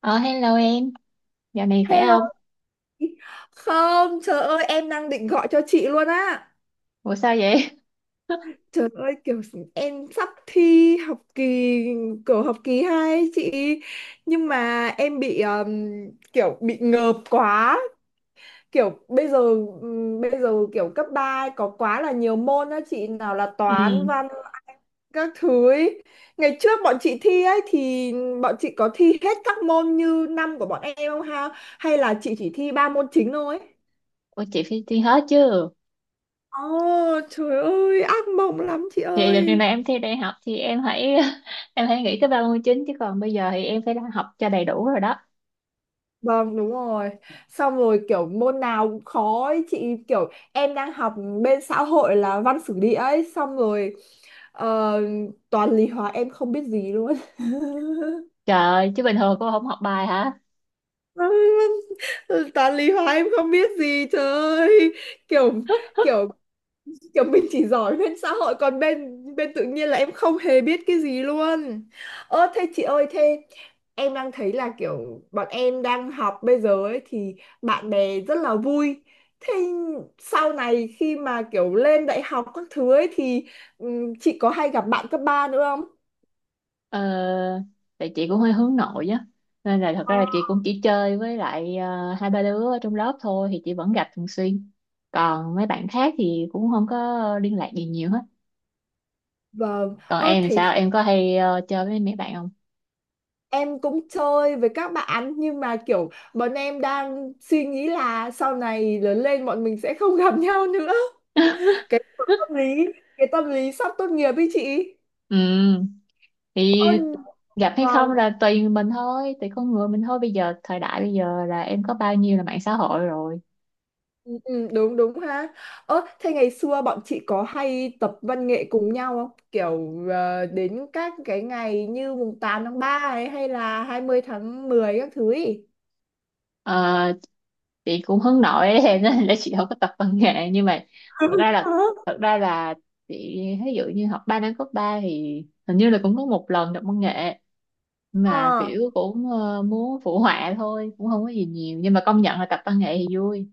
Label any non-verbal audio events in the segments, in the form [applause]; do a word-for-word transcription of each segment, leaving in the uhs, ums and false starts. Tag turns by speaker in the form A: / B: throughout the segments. A: Ờ hello em, dạo này khỏe
B: Hello
A: không?
B: chị. Không, trời ơi em đang định gọi cho chị luôn á.
A: Ủa sao vậy?
B: Trời ơi, kiểu em sắp thi học kỳ, kiểu học kỳ hai ấy chị. Nhưng mà em bị ừm, kiểu bị ngợp quá. Kiểu bây giờ ừm, bây giờ kiểu cấp ba ấy có quá là nhiều môn á chị, nào là toán,
A: Ừ,
B: văn, các thứ ấy. Ngày trước bọn chị thi ấy thì bọn chị có thi hết các môn như năm của bọn em không ha? Hay là chị chỉ thi ba môn chính thôi?
A: ủa chị phải đi hết chứ.
B: Ồ, trời ơi, ác mộng lắm chị
A: Thì đợt
B: ơi.
A: này em thi đại học thì em hãy [laughs] em hãy nghĩ tới ba mươi chín chứ còn bây giờ thì em phải học cho đầy đủ rồi đó.
B: Vâng, đúng rồi. Xong rồi kiểu môn nào cũng khó ấy. Chị, kiểu em đang học bên xã hội là văn sử địa ấy. Xong rồi ờ, toàn lý hóa em không biết gì luôn [laughs]
A: Trời ơi, chứ bình thường cô không học bài hả?
B: Ôi, toàn lý hóa em không biết gì, trời ơi. Kiểu kiểu kiểu mình chỉ giỏi bên xã hội, còn bên bên tự nhiên là em không hề biết cái gì luôn. Ơ thế chị ơi, thế em đang thấy là kiểu bọn em đang học bây giờ ấy thì bạn bè rất là vui. Thế sau này khi mà kiểu lên đại học các thứ ấy thì ừm, chị có hay gặp bạn cấp ba nữa không?
A: Ờ, tại chị cũng hơi hướng nội á. Nên là thật
B: Ờ.
A: ra là chị cũng chỉ chơi với lại ờ, hai ba đứa ở trong lớp thôi thì chị vẫn gặp thường xuyên. Còn mấy bạn khác thì cũng không có liên lạc gì nhiều hết.
B: Vâng,
A: Còn
B: ơ
A: em thì
B: thế
A: sao?
B: thì
A: Em có hay ờ, chơi với mấy bạn không?
B: em cũng chơi với các bạn, nhưng mà kiểu bọn em đang suy nghĩ là sau này lớn lên bọn mình sẽ không gặp [laughs] nhau nữa.
A: [laughs]
B: Tâm lý cái tâm lý sắp tốt nghiệp ý chị.
A: Ừ, thì
B: Ôi,
A: gặp hay không
B: vâng.
A: là tùy mình thôi, tùy con người mình thôi. Bây giờ thời đại bây giờ là em có bao nhiêu là mạng xã hội rồi.
B: Ừ, ừ, đúng đúng ha. Ơ thế ngày xưa bọn chị có hay tập văn nghệ cùng nhau không, kiểu ờ, đến các cái ngày như mùng tám tháng ba ấy hay là hai mươi tháng mười các thứ ý?
A: Ờ, chị cũng hướng nội ấy, [laughs] em nên là chị không có tập văn nghệ nhưng mà thật ra là
B: [laughs]
A: thật ra là chị ví dụ như học ba năm cấp ba thì hình như là cũng có một lần tập văn nghệ, mà
B: Ờ.
A: kiểu cũng ờ, muốn phụ họa thôi cũng không có gì nhiều, nhưng mà công nhận là tập văn nghệ thì vui.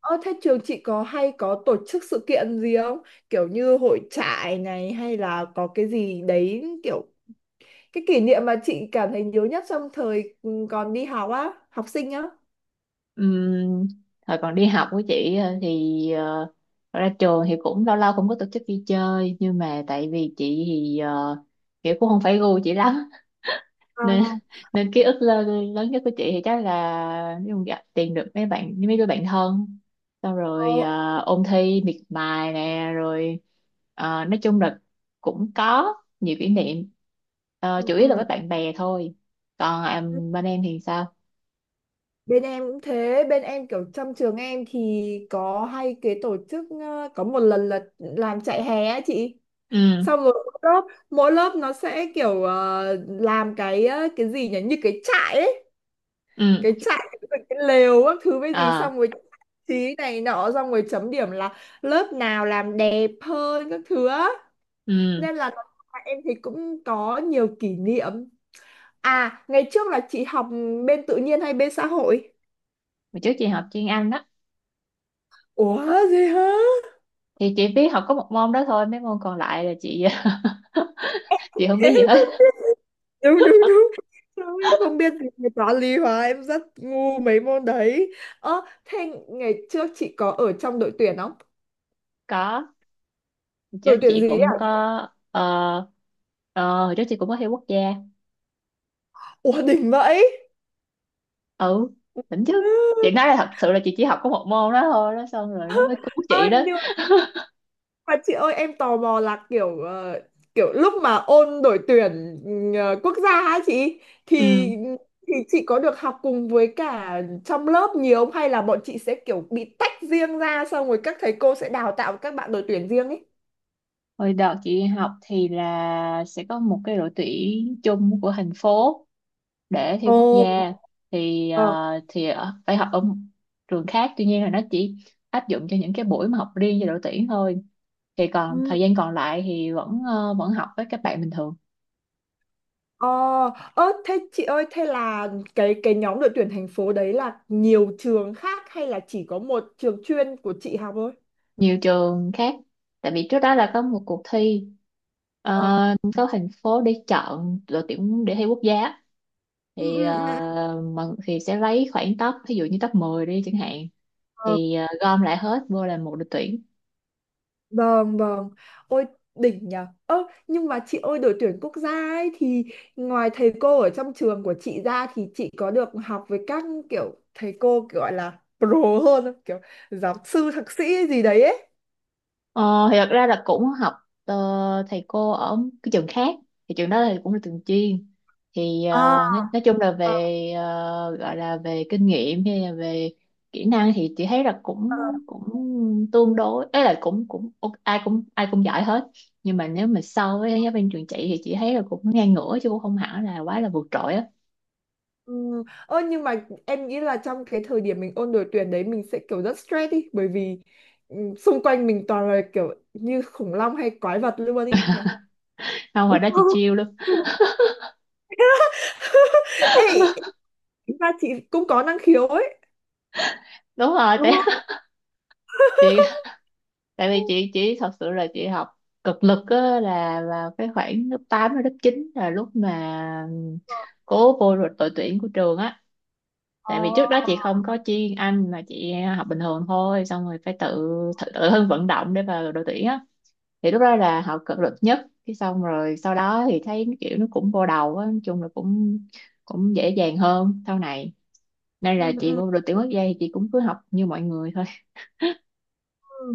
B: Ơ thế trường chị có hay có tổ chức sự kiện gì không, kiểu như hội trại này hay là có cái gì đấy, kiểu cái kỷ niệm mà chị cảm thấy nhớ nhất trong thời ừ, còn đi học á, học sinh á?
A: Ừm, Thời còn đi học của chị ờ, thì ờ, ra trường thì cũng lâu lâu cũng có tổ chức đi chơi, nhưng mà tại vì chị thì ờ, kiểu cũng không phải gu chị lắm [laughs] nên nên ký ức lớn, lớn nhất của chị thì chắc là ví dụ gặp tìm được mấy bạn, mấy đứa bạn thân, xong
B: Ờ,
A: rồi ờ, ôn thi miệt mài nè rồi ờ, nói chung là cũng có nhiều kỷ niệm. Ờ,
B: ừ,
A: chủ yếu là
B: ừ.
A: với bạn bè thôi, còn à,
B: Ừ.
A: bên em thì sao?
B: Bên em cũng thế, bên em kiểu trong trường em thì có hay cái tổ chức ờ, có một lần là làm chạy hè á chị.
A: Ừ.
B: Xong rồi mỗi lớp, mỗi lớp nó sẽ kiểu ờ, làm cái ờ, cái gì nhỉ, như cái trại ấy,
A: Ừ.
B: cái trại cái cái lều các thứ với gì, xong rồi trí này nọ xong rồi chấm điểm là lớp nào làm đẹp hơn các thứ á.
A: Ừ,
B: Nên là em thì cũng có nhiều kỷ niệm. À, ngày trước là chị học bên tự nhiên hay bên xã hội?
A: hồi trước chị học chuyên Anh đó
B: Ủa gì hả?
A: thì chị biết học có một môn đó thôi, mấy môn còn lại là chị [laughs] chị không biết
B: Em
A: gì
B: có-
A: hết.
B: Đúng đúng đúng. Sao em không biết gì về toán lý hóa, em rất ngu mấy môn đấy. Ơ, thế ngày trước chị có ở trong đội tuyển không?
A: Có, hồi trước
B: Đội tuyển
A: chị
B: gì ấy
A: cũng có
B: à?
A: ờ ờ, hồi trước chị cũng có thi quốc gia.
B: Ủa đỉnh vậy.
A: Ừ, đỉnh
B: Ừ.
A: chứ. Chị nói là thật sự là chị chỉ học có một môn đó thôi đó, xong rồi nó mới cứu
B: Ơ
A: chị đó.
B: nhưng mà chị ơi, em tò mò là kiểu ờ, kiểu lúc mà ôn đội tuyển ờ, quốc gia á chị, thì
A: Ừ,
B: thì chị có được học cùng với cả trong lớp nhiều không, hay là bọn chị sẽ kiểu bị tách riêng ra xong rồi các thầy cô sẽ đào tạo các bạn đội tuyển riêng ấy?
A: hồi đợt chị học thì là sẽ có một cái đội tuyển chung của thành phố để thi
B: Ồ.
A: quốc gia thì
B: Ờ.
A: ờ, thì ở- phải học ở một trường khác, tuy nhiên là nó chỉ áp dụng cho những cái buổi mà học riêng cho đội tuyển thôi, thì còn
B: Ừ.
A: thời gian còn lại thì vẫn ờ, vẫn học với các bạn bình thường.
B: Ờ. Ơ, thế chị ơi, thế là cái cái nhóm đội tuyển thành phố đấy là nhiều trường khác hay là chỉ có một trường chuyên của chị học thôi?
A: Nhiều trường khác, tại vì trước đó là có một cuộc thi
B: Ờ.
A: ờ, có thành phố để chọn đội tuyển để thi quốc gia,
B: Ừ,
A: thì
B: ừ, ừ, ừ.
A: ờ, mà thì sẽ lấy khoảng top, ví dụ như top mười đi chẳng hạn,
B: Ờ,
A: thì ờ, gom lại hết vô là một đội tuyển.
B: vâng vâng. Ôi, đỉnh nhờ. Ơ nhưng mà chị ơi, đội tuyển quốc gia ấy thì ngoài thầy cô ở trong trường của chị ra thì chị có được học với các kiểu thầy cô kiểu gọi là pro hơn không? Kiểu giáo sư thạc sĩ gì đấy ấy.
A: Ờ, thì thật ra là cũng học ờ, thầy cô ở cái trường khác, thì trường đó thì cũng là trường chuyên, thì ờ,
B: Ờ.
A: nói, nói chung là về ờ, gọi là về kinh nghiệm hay là về kỹ năng thì chị thấy là cũng cũng tương đối ấy, là cũng cũng ok, ai cũng ai cũng giỏi hết, nhưng mà nếu mà so với giáo viên trường chị thì chị thấy là cũng ngang ngửa chứ cũng không hẳn là quá là vượt trội á.
B: Ừ. Ơ nhưng mà em nghĩ là trong cái thời điểm mình ôn đội tuyển đấy mình sẽ kiểu rất stress đi, bởi vì ừ, xung quanh mình toàn là kiểu như khủng long hay quái vật luôn ý nhỉ.
A: Không, hồi đó chị chill lắm.
B: [laughs] Ê, tính ra chị cũng có năng khiếu ấy,
A: Đúng rồi
B: đúng
A: tại
B: không?
A: [laughs] chị tại vì chị chỉ thật sự là chị học cực lực á, là vào cái khoảng lớp tám đến lớp chín là lúc mà cố vô rồi đội tuyển của trường á.
B: Ồ.
A: Tại vì trước đó chị không có chuyên Anh mà chị học bình thường thôi, xong rồi phải tự tự, tự thân vận động để vào đội tuyển á, thì lúc đó là học cực lực nhất cái xong rồi sau đó thì thấy kiểu nó cũng vô đầu á, nói chung là cũng cũng dễ dàng hơn sau này, nên
B: Ừ,
A: là chị
B: ừ,
A: vô đội tuyển quốc gia thì chị cũng cứ học như mọi người thôi.
B: ừ.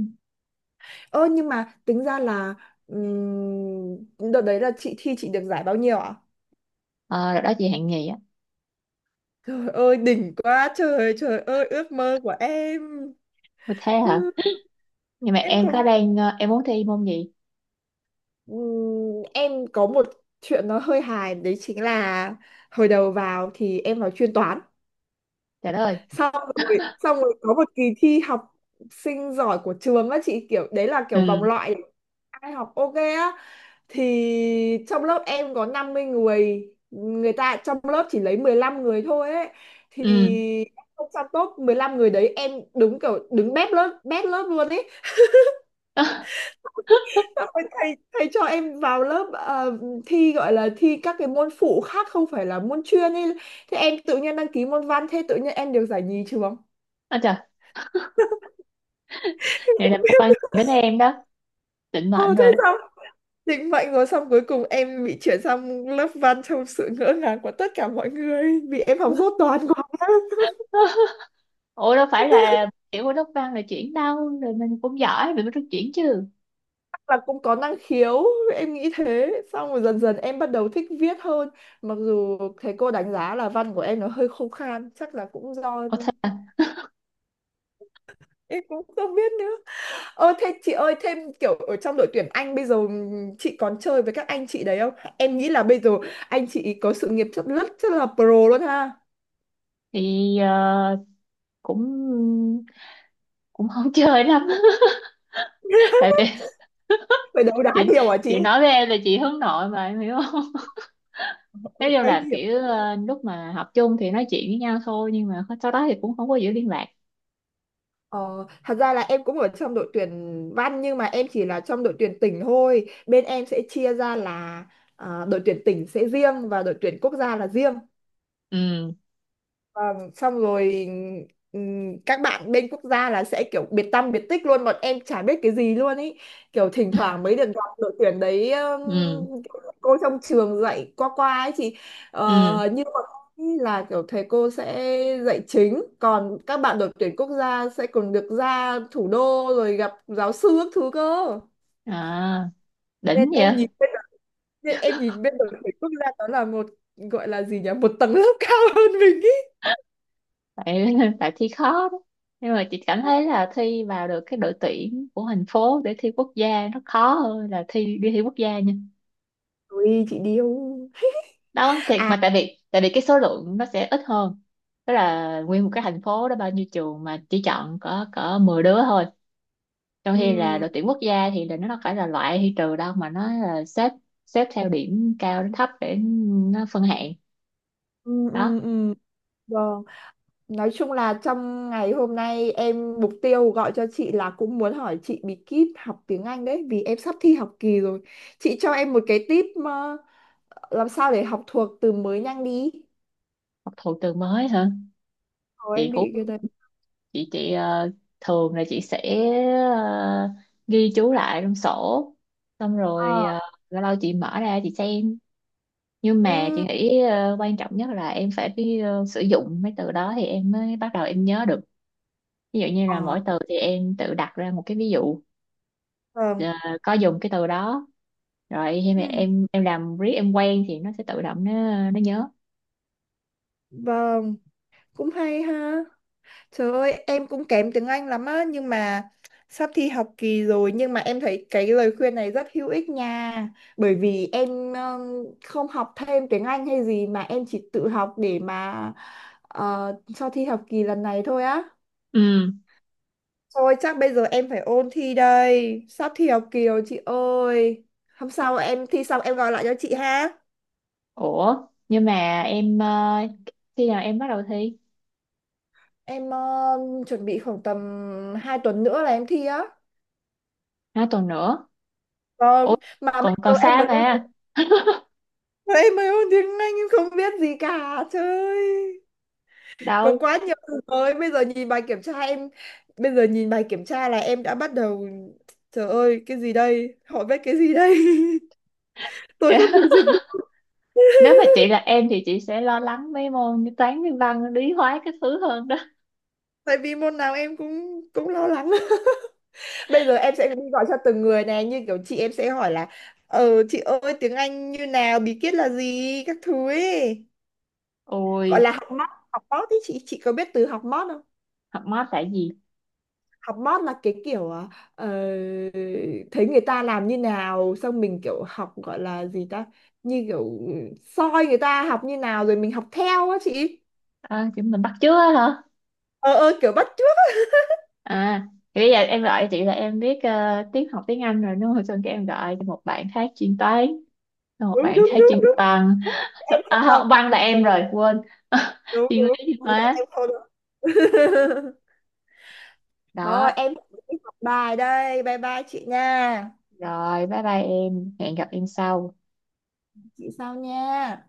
B: Ơ nhưng mà tính ra là ừm, đợt đấy là chị thi chị được giải bao nhiêu ạ?
A: Ờ, rồi đó chị hạng nhì á.
B: Trời ơi đỉnh quá trời, trời ơi ước mơ của em. [laughs]
A: Ôi, thế
B: Ừ.
A: hả, nhưng mà
B: Em
A: em
B: có
A: có đang ờ, em muốn thi môn gì.
B: Ừm, em có một chuyện nó hơi hài đấy, chính là hồi đầu vào thì em vào chuyên toán,
A: Trời đất ơi.
B: xong rồi xong rồi có một kỳ thi học sinh giỏi của trường á chị, kiểu đấy là kiểu vòng
A: Ừ.
B: loại ai học ok á, thì trong lớp em có năm mươi người, người ta trong lớp chỉ lấy mười lăm người thôi ấy, thì
A: Ừ.
B: trong top mười lăm người đấy em đúng kiểu đứng bét lớp, bét lớp luôn ấy.
A: [laughs]
B: Xong rồi thầy thầy cho em vào lớp ờ, thi, gọi là thi các cái môn phụ khác không phải là môn chuyên ấy. Thế em tự nhiên đăng ký môn văn, thế tự nhiên em được giải nhì trường.
A: Ôi trời, này là môn văn đến em đó, định
B: Ờ
A: mệnh
B: thế
A: rồi.
B: sao? Định mệnh rồi, xong cuối cùng em bị chuyển sang lớp văn trong sự ngỡ ngàng của tất cả mọi người vì em học dốt toán quá.
A: [laughs] Ủa đâu phải là, kiểu của lớp văn là chuyển đâu, rồi mình cũng giỏi mình mới được chuyển chứ.
B: Là cũng có năng khiếu, em nghĩ thế, xong rồi dần dần em bắt đầu thích viết hơn, mặc dù thầy cô đánh giá là văn của em nó hơi khô khan, chắc là cũng do
A: Ủa thế à?
B: em cũng không biết nữa. Ơ thế chị ơi, thêm kiểu ở trong đội tuyển Anh bây giờ chị còn chơi với các anh chị đấy không? Em nghĩ là bây giờ anh chị có sự nghiệp rất rất rất là pro luôn ha.
A: Thì ờ, cũng cũng không chơi lắm. [laughs] Tại
B: [laughs]
A: vì
B: Phải đấu đá
A: chị
B: nhiều hả chị?
A: chị nói với em là chị hướng nội mà, em hiểu không. [laughs] Nói chung
B: Em
A: là
B: hiểu.
A: kiểu ờ, lúc mà học chung thì nói chuyện với nhau thôi, nhưng mà sau đó thì cũng không có giữ liên lạc.
B: Ờ, thật ra là em cũng ở trong đội tuyển văn nhưng mà em chỉ là trong đội tuyển tỉnh thôi. Bên em sẽ chia ra là, à, đội tuyển tỉnh sẽ riêng và đội tuyển quốc gia là riêng.
A: Ừ.
B: Vâng, xong rồi ừm, các bạn bên quốc gia là sẽ kiểu biệt tăm biệt tích luôn, bọn em chả biết cái gì luôn ý, kiểu thỉnh thoảng mới được gặp đội tuyển đấy
A: Ừ.
B: ừm, cô trong trường dạy qua qua ấy chị.
A: Ừ.
B: Ờ, như bọn em ý là kiểu thầy cô sẽ dạy chính, còn các bạn đội tuyển quốc gia sẽ còn được ra thủ đô rồi gặp giáo sư các thứ cơ.
A: À, đỉnh
B: nên
A: vậy.
B: em nhìn bên nên em nhìn bên đội tuyển quốc gia đó là một, gọi là gì nhỉ, một tầng lớp [laughs] cao hơn mình ý.
A: Tại [laughs] tại thi khó đó. Nhưng mà chị cảm thấy là thi vào được cái đội tuyển của thành phố để thi quốc gia nó khó hơn là thi đi thi quốc gia nha.
B: Ui, chị điêu.
A: Đó thiệt
B: À.
A: mà, tại vì tại vì cái số lượng nó sẽ ít hơn, tức là nguyên một cái thành phố đó bao nhiêu trường mà chỉ chọn có có mười đứa thôi, trong khi là
B: Ừ,
A: đội tuyển quốc gia thì là nó đâu phải là loại hay trừ đâu, mà nó là xếp xếp theo điểm cao đến thấp để nó phân hạng
B: ừ,
A: đó.
B: ừ, ừ. Vâng. Nói chung là trong ngày hôm nay em mục tiêu gọi cho chị là cũng muốn hỏi chị bí kíp học tiếng Anh đấy, vì em sắp thi học kỳ rồi. Chị cho em một cái tip mà làm sao để học thuộc từ mới nhanh đi.
A: Học thuộc từ mới hả?
B: Ồ,
A: chị
B: em
A: cũng
B: bị cái đấy.
A: chị chị ờ, thường là chị sẽ ờ, ghi chú lại trong sổ, xong rồi
B: Ờ.
A: ờ, lâu lâu chị mở ra chị xem, nhưng mà chị
B: Ừ.
A: nghĩ ờ, quan trọng nhất là em phải biết ờ, sử dụng mấy từ đó thì em mới bắt đầu em nhớ được. Ví dụ như là
B: Ờ.
A: mỗi từ thì em tự đặt ra một cái ví dụ ờ,
B: Vâng.
A: có dùng cái từ đó, rồi khi mà
B: Ừ.
A: em em làm riết em quen thì nó sẽ tự động nó nó nhớ.
B: Vâng. Cũng hay ha. Trời ơi, em cũng kém tiếng Anh lắm á, nhưng mà sắp thi học kỳ rồi, nhưng mà em thấy cái lời khuyên này rất hữu ích nha. Bởi vì em ừm, không học thêm tiếng Anh hay gì mà em chỉ tự học để mà ờ, cho thi học kỳ lần này thôi á.
A: Ừ,
B: Thôi chắc bây giờ em phải ôn thi đây, sắp thi học kỳ rồi chị ơi. Hôm sau em thi xong em gọi lại cho chị ha.
A: ủa nhưng mà em ờ, khi nào em bắt đầu thi?
B: Em ừm, chuẩn bị khoảng tầm hai tuần nữa là em thi á.
A: Nó tuần nữa. Ủa,
B: Vâng, mà bây
A: còn
B: giờ
A: còn
B: em
A: xa
B: mới ôn.
A: mà.
B: Đây mấy môn tiếng Anh em không biết gì cả, trời ơi. Có
A: Đâu.
B: quá nhiều từ mới. Bây giờ nhìn bài kiểm tra em Bây giờ nhìn bài kiểm tra là em đã bắt đầu. Trời ơi cái gì đây, họ viết cái gì đây? [laughs] Tôi không thể
A: [laughs]
B: dịch được.
A: Nếu mà chị
B: [laughs]
A: là em thì chị sẽ lo lắng mấy môn như toán với văn lý hóa cái thứ hơn đó.
B: Tại vì môn nào em cũng cũng lo lắng. [laughs] Bây giờ em sẽ đi gọi cho từng người này. Như kiểu chị, em sẽ hỏi là: Ờ chị ơi, tiếng Anh như nào, bí quyết là gì các thứ ấy.
A: Ôi
B: Gọi là học mót. Học mót ý chị. Chị có biết từ học mót không?
A: học mát tại gì?
B: Học mót là cái kiểu, à, ờ, thấy người ta làm như nào xong mình kiểu học, gọi là gì ta, như kiểu ừ, soi người ta học như nào rồi mình học theo á chị.
A: À, chị mình bắt chước á hả?
B: Ờ ờ, kiểu bắt chước.
A: À, thì bây giờ em gọi chị là em biết ờ, tiếng, học tiếng Anh rồi đúng không, xong cái em gọi một bạn khác chuyên toán, xong một
B: Đúng
A: bạn
B: đúng
A: khác chuyên
B: đúng.
A: văn.
B: Em
A: [laughs] À,
B: không làm.
A: không, văn là em rồi, quên. [laughs]
B: Đúng
A: Chuyên lý
B: đúng
A: chuyên
B: thì tại
A: hóa.
B: em không được. [laughs] Thôi
A: Đó,
B: em phải đi học bài đây, bye bye chị nha.
A: rồi bye bye em, hẹn gặp em sau.
B: Chị sau nha.